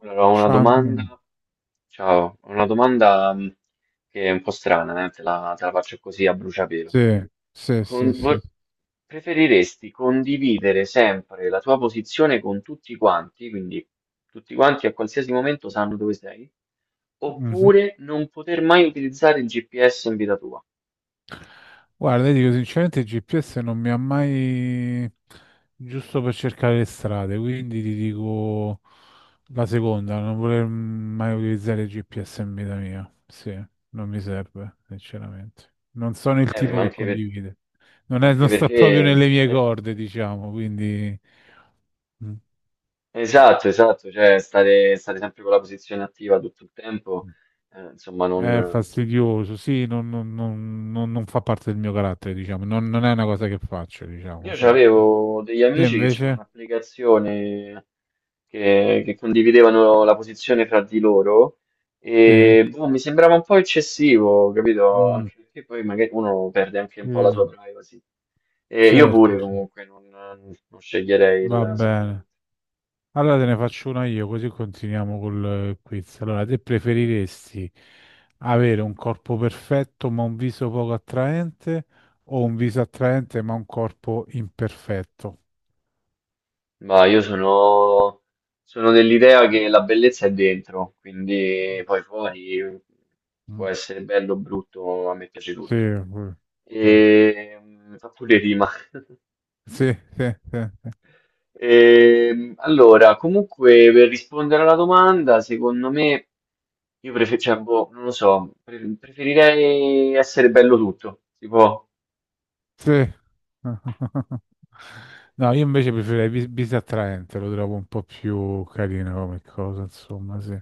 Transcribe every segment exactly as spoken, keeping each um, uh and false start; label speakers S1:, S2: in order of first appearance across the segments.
S1: Allora, ho una
S2: Shandon.
S1: domanda, ciao, ho una domanda mh, che è un po' strana, eh. Te la, te la faccio così a bruciapelo.
S2: Sì, sì, sì,
S1: Con-
S2: sì.
S1: vo- Preferiresti condividere sempre la tua posizione con tutti quanti, quindi tutti quanti a qualsiasi momento sanno dove sei,
S2: Mhm.
S1: oppure non poter mai utilizzare il G P S in vita tua?
S2: Guarda, io dico sinceramente, il G P S non mi ha mai giusto per cercare le strade, quindi ti dico la seconda, non voler mai utilizzare il G P S in vita mia. Sì, non mi serve, sinceramente. Non sono il
S1: Eh,
S2: tipo
S1: ma
S2: che
S1: anche, per-
S2: condivide. Non è-
S1: anche
S2: non sta proprio
S1: perché...
S2: nelle mie
S1: eh,
S2: corde, diciamo, quindi... Mm.
S1: esatto, esatto, cioè stare, stare sempre con la posizione attiva tutto il tempo, eh, insomma,
S2: È
S1: non...
S2: fastidioso, sì, non, non- non- non- non fa parte del mio carattere, diciamo, non, non è una cosa che faccio,
S1: Io
S2: diciamo, sì.
S1: c'avevo degli
S2: Te
S1: amici che c'erano
S2: invece?
S1: un'applicazione che, che condividevano la posizione fra di loro
S2: Sì.
S1: e boh, mi sembrava un po' eccessivo, capito?
S2: Mm,
S1: Anche perché poi magari uno perde anche un
S2: sì,
S1: po' la sua privacy. E io
S2: certo,
S1: pure comunque non, non sceglierei
S2: va
S1: il sicuramente.
S2: bene. Allora te ne faccio una io, così continuiamo col eh, quiz. Allora, te preferiresti avere un corpo perfetto ma un viso poco attraente o un viso attraente ma un corpo imperfetto?
S1: Ma io sono, sono dell'idea che la bellezza è dentro, quindi poi fuori può
S2: Mm.
S1: essere bello o brutto, a me piace
S2: Sì,
S1: tutto.
S2: eh, sì,
S1: E mm, fa pure rima.
S2: sì, sì, sì,
S1: Ehm, allora, comunque, per rispondere alla domanda, secondo me, io prefer- cioè, boh, non lo so, pre- preferirei essere bello tutto, si può,
S2: sì. No, io invece preferirei bis, bis attraente, lo trovo un po' più carino come cosa, insomma, sì.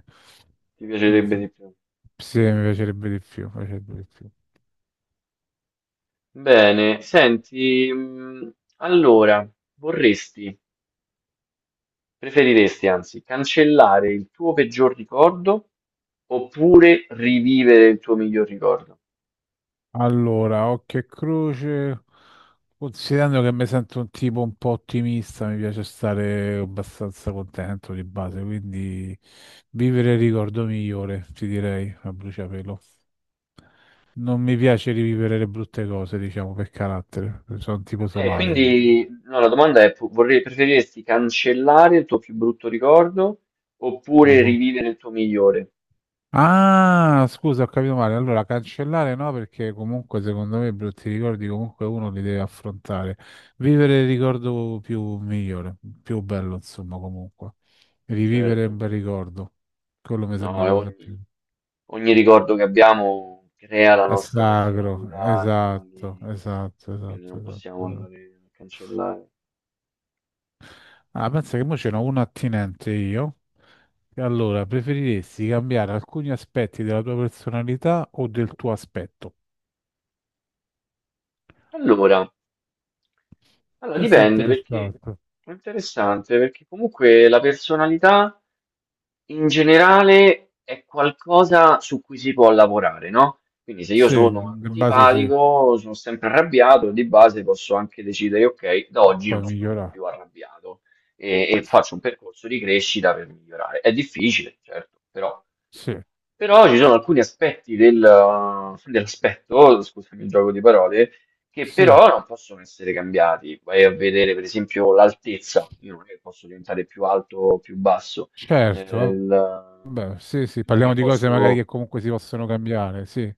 S1: ti piacerebbe
S2: Mhm.
S1: di più.
S2: Sì, mi piacerebbe di più, mi piacerebbe di più.
S1: Bene, senti, mh, allora, vorresti, preferiresti anzi, cancellare il tuo peggior ricordo oppure rivivere il tuo miglior ricordo?
S2: Allora, occhio e croce, considerando che mi sento un tipo un po' ottimista, mi piace stare abbastanza contento di base, quindi vivere il ricordo migliore, ti direi, a bruciapelo. Non mi piace rivivere le brutte cose, diciamo, per carattere. Sono un tipo
S1: Eh,
S2: solare. Io.
S1: quindi no, la domanda è, pu- vorrei, preferiresti cancellare il tuo più brutto ricordo oppure
S2: Mhm.
S1: rivivere il tuo migliore?
S2: Ah, scusa, ho capito male. Allora, cancellare no, perché comunque secondo me i brutti ricordi comunque uno li deve affrontare. Vivere il ricordo più migliore, più bello, insomma, comunque. Rivivere un
S1: Certo,
S2: bel ricordo. Quello mi
S1: no,
S2: sembra una cosa
S1: ogni,
S2: più...
S1: ogni ricordo che abbiamo crea la
S2: È
S1: nostra
S2: sacro,
S1: personalità,
S2: esatto,
S1: quindi,
S2: esatto,
S1: quindi
S2: esatto, esatto.
S1: non possiamo
S2: Esatto.
S1: andare a cancellare.
S2: Ah, pensa che mo ce n'ho uno attinente io. E allora, preferiresti cambiare alcuni aspetti della tua personalità o del tuo aspetto?
S1: Allora, allora,
S2: Questo è
S1: dipende perché
S2: interessante.
S1: è interessante, perché comunque la personalità in generale è qualcosa su cui si può lavorare, no? Quindi se io
S2: Sì,
S1: sono
S2: in base sì,
S1: antipatico, sono sempre arrabbiato, di base posso anche decidere, ok, da oggi
S2: poi
S1: non sono
S2: migliorare.
S1: più arrabbiato e, e faccio un percorso di crescita per migliorare. È difficile, certo, però,
S2: Sì,
S1: però ci sono alcuni aspetti del, dell'aspetto, scusami il gioco di parole, che
S2: sì,
S1: però non possono essere cambiati. Vai a vedere, per esempio, l'altezza. Io non è che posso diventare più alto o più basso. Eh,
S2: certo,
S1: la-
S2: vabbè, sì, sì,
S1: Non è
S2: parliamo
S1: che
S2: di cose magari
S1: posso.
S2: che comunque si possono cambiare, sì.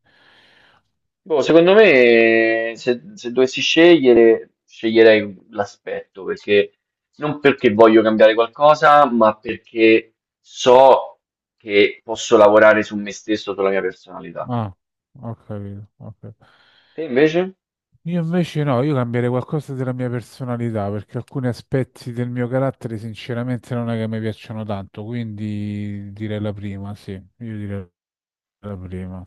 S1: Boh, secondo me, se, se dovessi scegliere, sceglierei l'aspetto perché non perché voglio cambiare qualcosa, ma perché so che posso lavorare su me stesso, sulla mia personalità.
S2: Ah, ho capito, ho capito.
S1: Te invece?
S2: Io invece no, io cambierei qualcosa della mia personalità perché alcuni aspetti del mio carattere sinceramente non è che mi piacciono tanto, quindi direi la prima, sì, io direi la prima.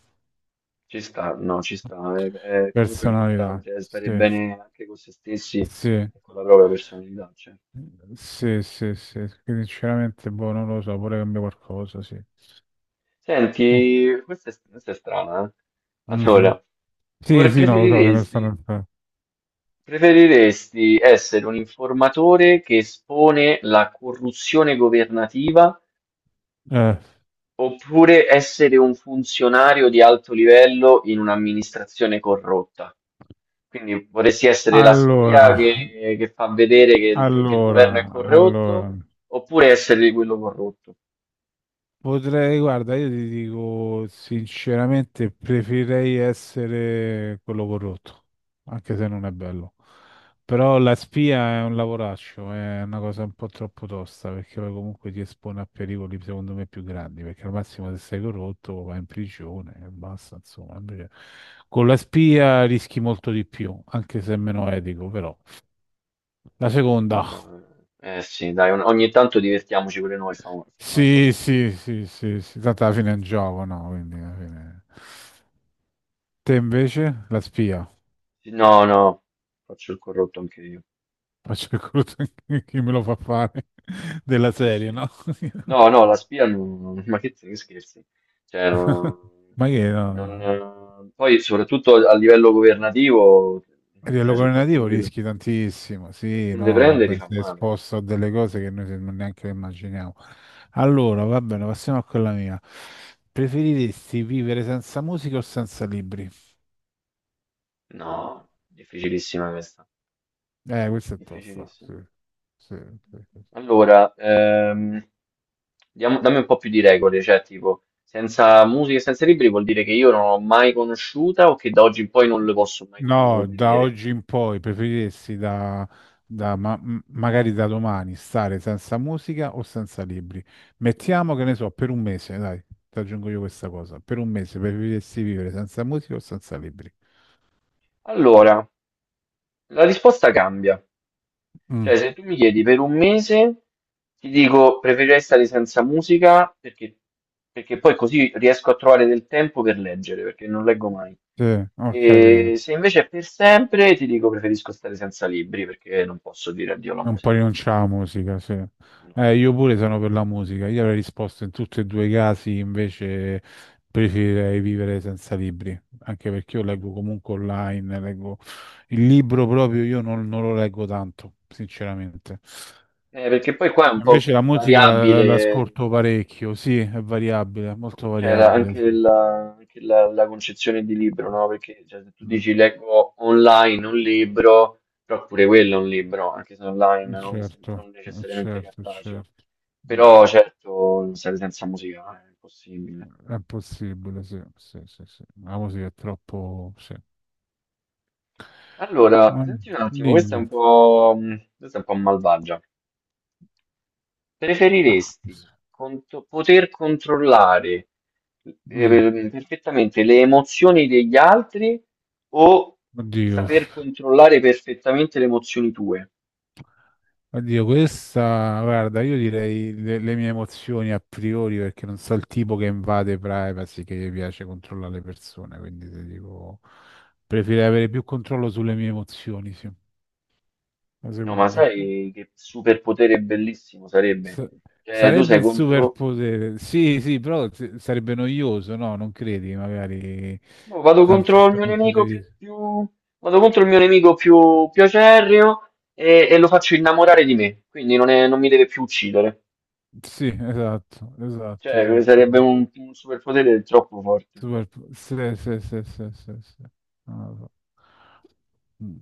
S1: Ci sta, no, ci sta. È, è comunque
S2: Personalità,
S1: importante, eh, stare
S2: sì,
S1: bene anche con se stessi
S2: sì,
S1: e con la propria personalità, cioè.
S2: sì, sì, sì, che sinceramente boh, non lo so, vorrei cambiare qualcosa, sì. Ok.
S1: Senti, questa è, questa è strana, eh?
S2: Mhm.
S1: Allora,
S2: Sì,
S1: vorre-
S2: sì, no, lo so, ce ne
S1: preferiresti,
S2: stanno.
S1: preferiresti essere un informatore che espone la corruzione governativa
S2: Eh,
S1: oppure essere un funzionario di alto livello in un'amministrazione corrotta? Quindi vorresti essere la
S2: allora,
S1: spia che, che fa vedere che il, tu- che il governo è
S2: allora, allora.
S1: corrotto, oppure essere quello corrotto?
S2: Potrei, guarda, io ti dico sinceramente, preferirei essere quello corrotto, anche se non è bello. Però la spia è un lavoraccio, è una cosa un po' troppo tosta, perché poi comunque ti espone a pericoli secondo me più grandi, perché al massimo se sei corrotto vai in prigione e basta, insomma. Invece con la spia rischi molto di più, anche se è meno etico, però. La seconda,
S1: No, eh eh, sì, dai, un- ogni tanto divertiamoci pure noi, fa- facciamo un po' di
S2: sì, sì,
S1: soldi.
S2: sì, sì, sì, tanto alla fine è un gioco, no? Quindi alla fine... Te invece la spia,
S1: Sì, no, no, faccio il corrotto anche io.
S2: faccio il crudo chi me lo fa fare della
S1: Sì,
S2: serie, no?
S1: sì. No, no, la spia non... Ma che, che scherzi? Cioè, non-
S2: Ma che no? No.
S1: non- poi, soprattutto a livello governativo,
S2: A livello
S1: cioè, se qualcuno
S2: governativo
S1: ti,
S2: rischi tantissimo, sì,
S1: qualcuno ti
S2: no,
S1: prende, ti
S2: vabbè,
S1: fa
S2: sei
S1: male.
S2: esposto a delle cose che noi non neanche le immaginiamo. Allora, va bene, passiamo a quella mia. Preferiresti vivere senza musica o senza libri?
S1: No, difficilissima questa.
S2: Eh, questo è tosto, sì,
S1: Difficilissimo.
S2: sì, sì, sì.
S1: Allora, ehm, diamo- dammi un po' più di regole, cioè tipo, senza musica e senza libri vuol dire che io non l'ho mai conosciuta o che da oggi in poi non le posso mai più
S2: No, da
S1: vedere.
S2: oggi in poi preferiresti da, da ma- m- magari da domani stare senza musica o senza libri? Mettiamo che
S1: Mm.
S2: ne so, per un mese, dai, ti aggiungo io questa cosa. Per un mese preferiresti vivere senza musica o senza libri?
S1: Allora, la risposta cambia.
S2: Mm,
S1: Cioè, se tu mi chiedi per un mese, ti dico preferirei stare senza musica perché, perché poi così riesco a trovare del tempo per leggere, perché non leggo mai.
S2: sì, ok,
S1: E se invece è per sempre, ti dico preferisco stare senza libri perché non posso dire addio alla
S2: un po'
S1: musica.
S2: rinunciare alla musica, sì.
S1: No.
S2: Eh, io pure sono per la musica. Io avrei risposto in tutti e due i casi, invece preferirei vivere senza libri, anche perché io leggo comunque online, leggo il libro proprio, io non, non lo leggo tanto, sinceramente.
S1: Eh, perché poi qua è un po'
S2: Invece la musica la- la-
S1: variabile.
S2: l'ascolto parecchio, sì, è variabile, molto
S1: Cioè, la-
S2: variabile,
S1: anche
S2: sì.
S1: la, anche la- la concezione di libro, no? Perché cioè, se tu
S2: Mm,
S1: dici leggo online un libro, però pure quello è un libro, anche se online, non, se-
S2: certo,
S1: non
S2: eh,
S1: necessariamente
S2: certo,
S1: cartaceo.
S2: certo. Mm.
S1: Però certo, non serve, senza musica, eh, è impossibile.
S2: È possibile, sì, sì, sì, sì. Ma così è troppo... Sì.
S1: Allora,
S2: Ah,
S1: senti un attimo, questa è un
S2: dimmi.
S1: po', mh, questa è un po' malvagia.
S2: Ah,
S1: Preferiresti cont- poter controllare,
S2: mm,
S1: eh, perfettamente le emozioni degli altri o
S2: oddio,
S1: saper controllare perfettamente le emozioni tue?
S2: oddio, questa... Guarda, io direi le, le mie emozioni a priori perché non so il tipo che invade privacy, che gli piace controllare le persone, quindi ti dico... Preferirei avere più controllo sulle mie emozioni, sì. La
S1: No, ma
S2: seconda.
S1: sai che superpotere bellissimo sarebbe?
S2: S-
S1: Cioè, tu
S2: sarebbe
S1: sei
S2: un
S1: contro...
S2: superpotere, sì, sì, però s- sarebbe noioso, no? Non credi, magari
S1: No, vado
S2: da un
S1: contro il
S2: certo
S1: mio
S2: punto di
S1: nemico più,
S2: vista.
S1: più- vado contro il mio nemico più, più acerrimo e, e lo faccio innamorare di me, quindi non, è- non mi deve più uccidere.
S2: Sì, esatto, esatto,
S1: Cioè,
S2: esatto.
S1: sarebbe
S2: Esatto.
S1: un, un superpotere troppo forte.
S2: Superpo- sì, sì, sì, sì, sì, sì. Non lo so. Mm.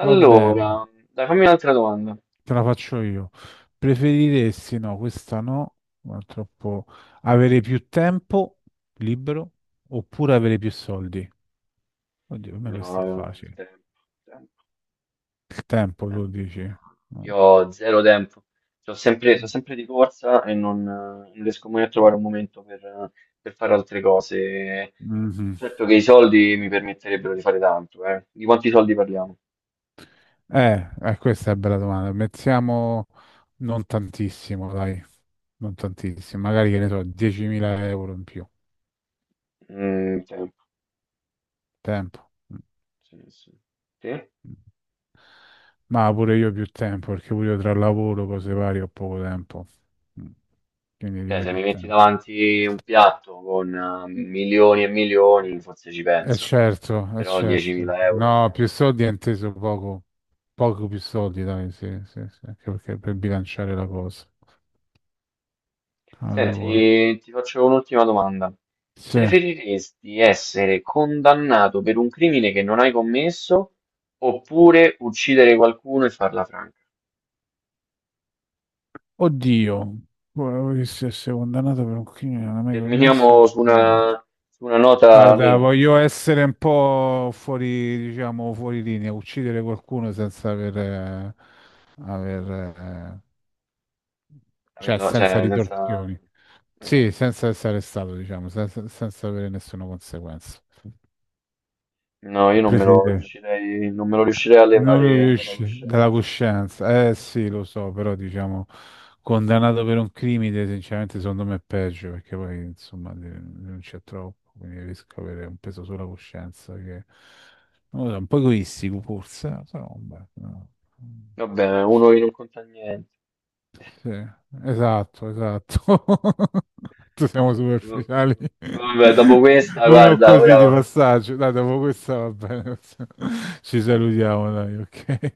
S2: Va bene,
S1: dai, fammi un'altra domanda.
S2: te la faccio io. Preferiresti, no, questa no, ma è troppo... Avere più tempo libero oppure avere più soldi? Oddio, per me
S1: No, no,
S2: questo è
S1: no,
S2: facile.
S1: tempo, tempo,
S2: Il tempo,
S1: tempo.
S2: tu dici?
S1: No,
S2: Eh,
S1: io ho zero tempo. Sono sempre, sono sempre di corsa e non, eh, non riesco mai a trovare un momento per, eh, per fare altre cose.
S2: Mhm.
S1: Certo che i soldi mi permetterebbero di fare tanto, eh. Di quanti soldi parliamo?
S2: Eh, eh, questa è una bella domanda. Mettiamo non tantissimo, dai, non tantissimo, magari che ne so, diecimila euro in più.
S1: Mm, tempo.
S2: Tempo. Mm.
S1: Sì, sì. Sì?
S2: Ma pure io più tempo, perché pure io tra lavoro, cose varie, ho poco tempo. Mm. Quindi
S1: Cioè,
S2: direi
S1: se
S2: più
S1: mi metti
S2: tempo.
S1: davanti un piatto con, eh, milioni e milioni, forse ci
S2: Eh
S1: penso.
S2: certo, è
S1: Però
S2: certo.
S1: 10.000
S2: No,
S1: euro.
S2: più soldi è inteso poco. Poco più soldi, dai, sì, sì, sì, anche perché per bilanciare la cosa. Allora,
S1: Senti, ti faccio un'ultima domanda.
S2: sì.
S1: Preferiresti essere condannato per un crimine che non hai commesso oppure uccidere qualcuno e farla franca?
S2: Oddio, guarda, che se sei condannato per un crimine non hai mai commesso.
S1: Terminiamo su
S2: Mm.
S1: una, su una nota
S2: Guarda, no,
S1: nera,
S2: voglio essere un po' fuori, diciamo, fuori linea, uccidere qualcuno senza aver, eh, aver, eh,
S1: per
S2: cioè
S1: la-
S2: senza
S1: cioè senza...
S2: ritorsioni. Sì,
S1: Esatto.
S2: senza essere stato, diciamo, senza, senza avere nessuna conseguenza.
S1: No, io non me lo
S2: Preferirei.
S1: riuscirei, non me lo riuscirei a
S2: Non lo
S1: levare dalla
S2: riesci dalla
S1: coscienza.
S2: coscienza. Eh sì, lo so, però diciamo condannato per un crimine, sinceramente secondo me è peggio perché poi insomma de- non c'è troppo, quindi rischio di avere un peso sulla coscienza che non lo so, un po' egoistico forse, eh, però vabbè, no.
S1: Vabbè, uno che non conta niente.
S2: Sì, esatto, esatto. Tu siamo superficiali.
S1: Vabbè, dopo questa,
S2: Uno
S1: guarda,
S2: così di
S1: ora...
S2: passaggio. Dai, dopo questa va bene. Ci salutiamo, dai, ok.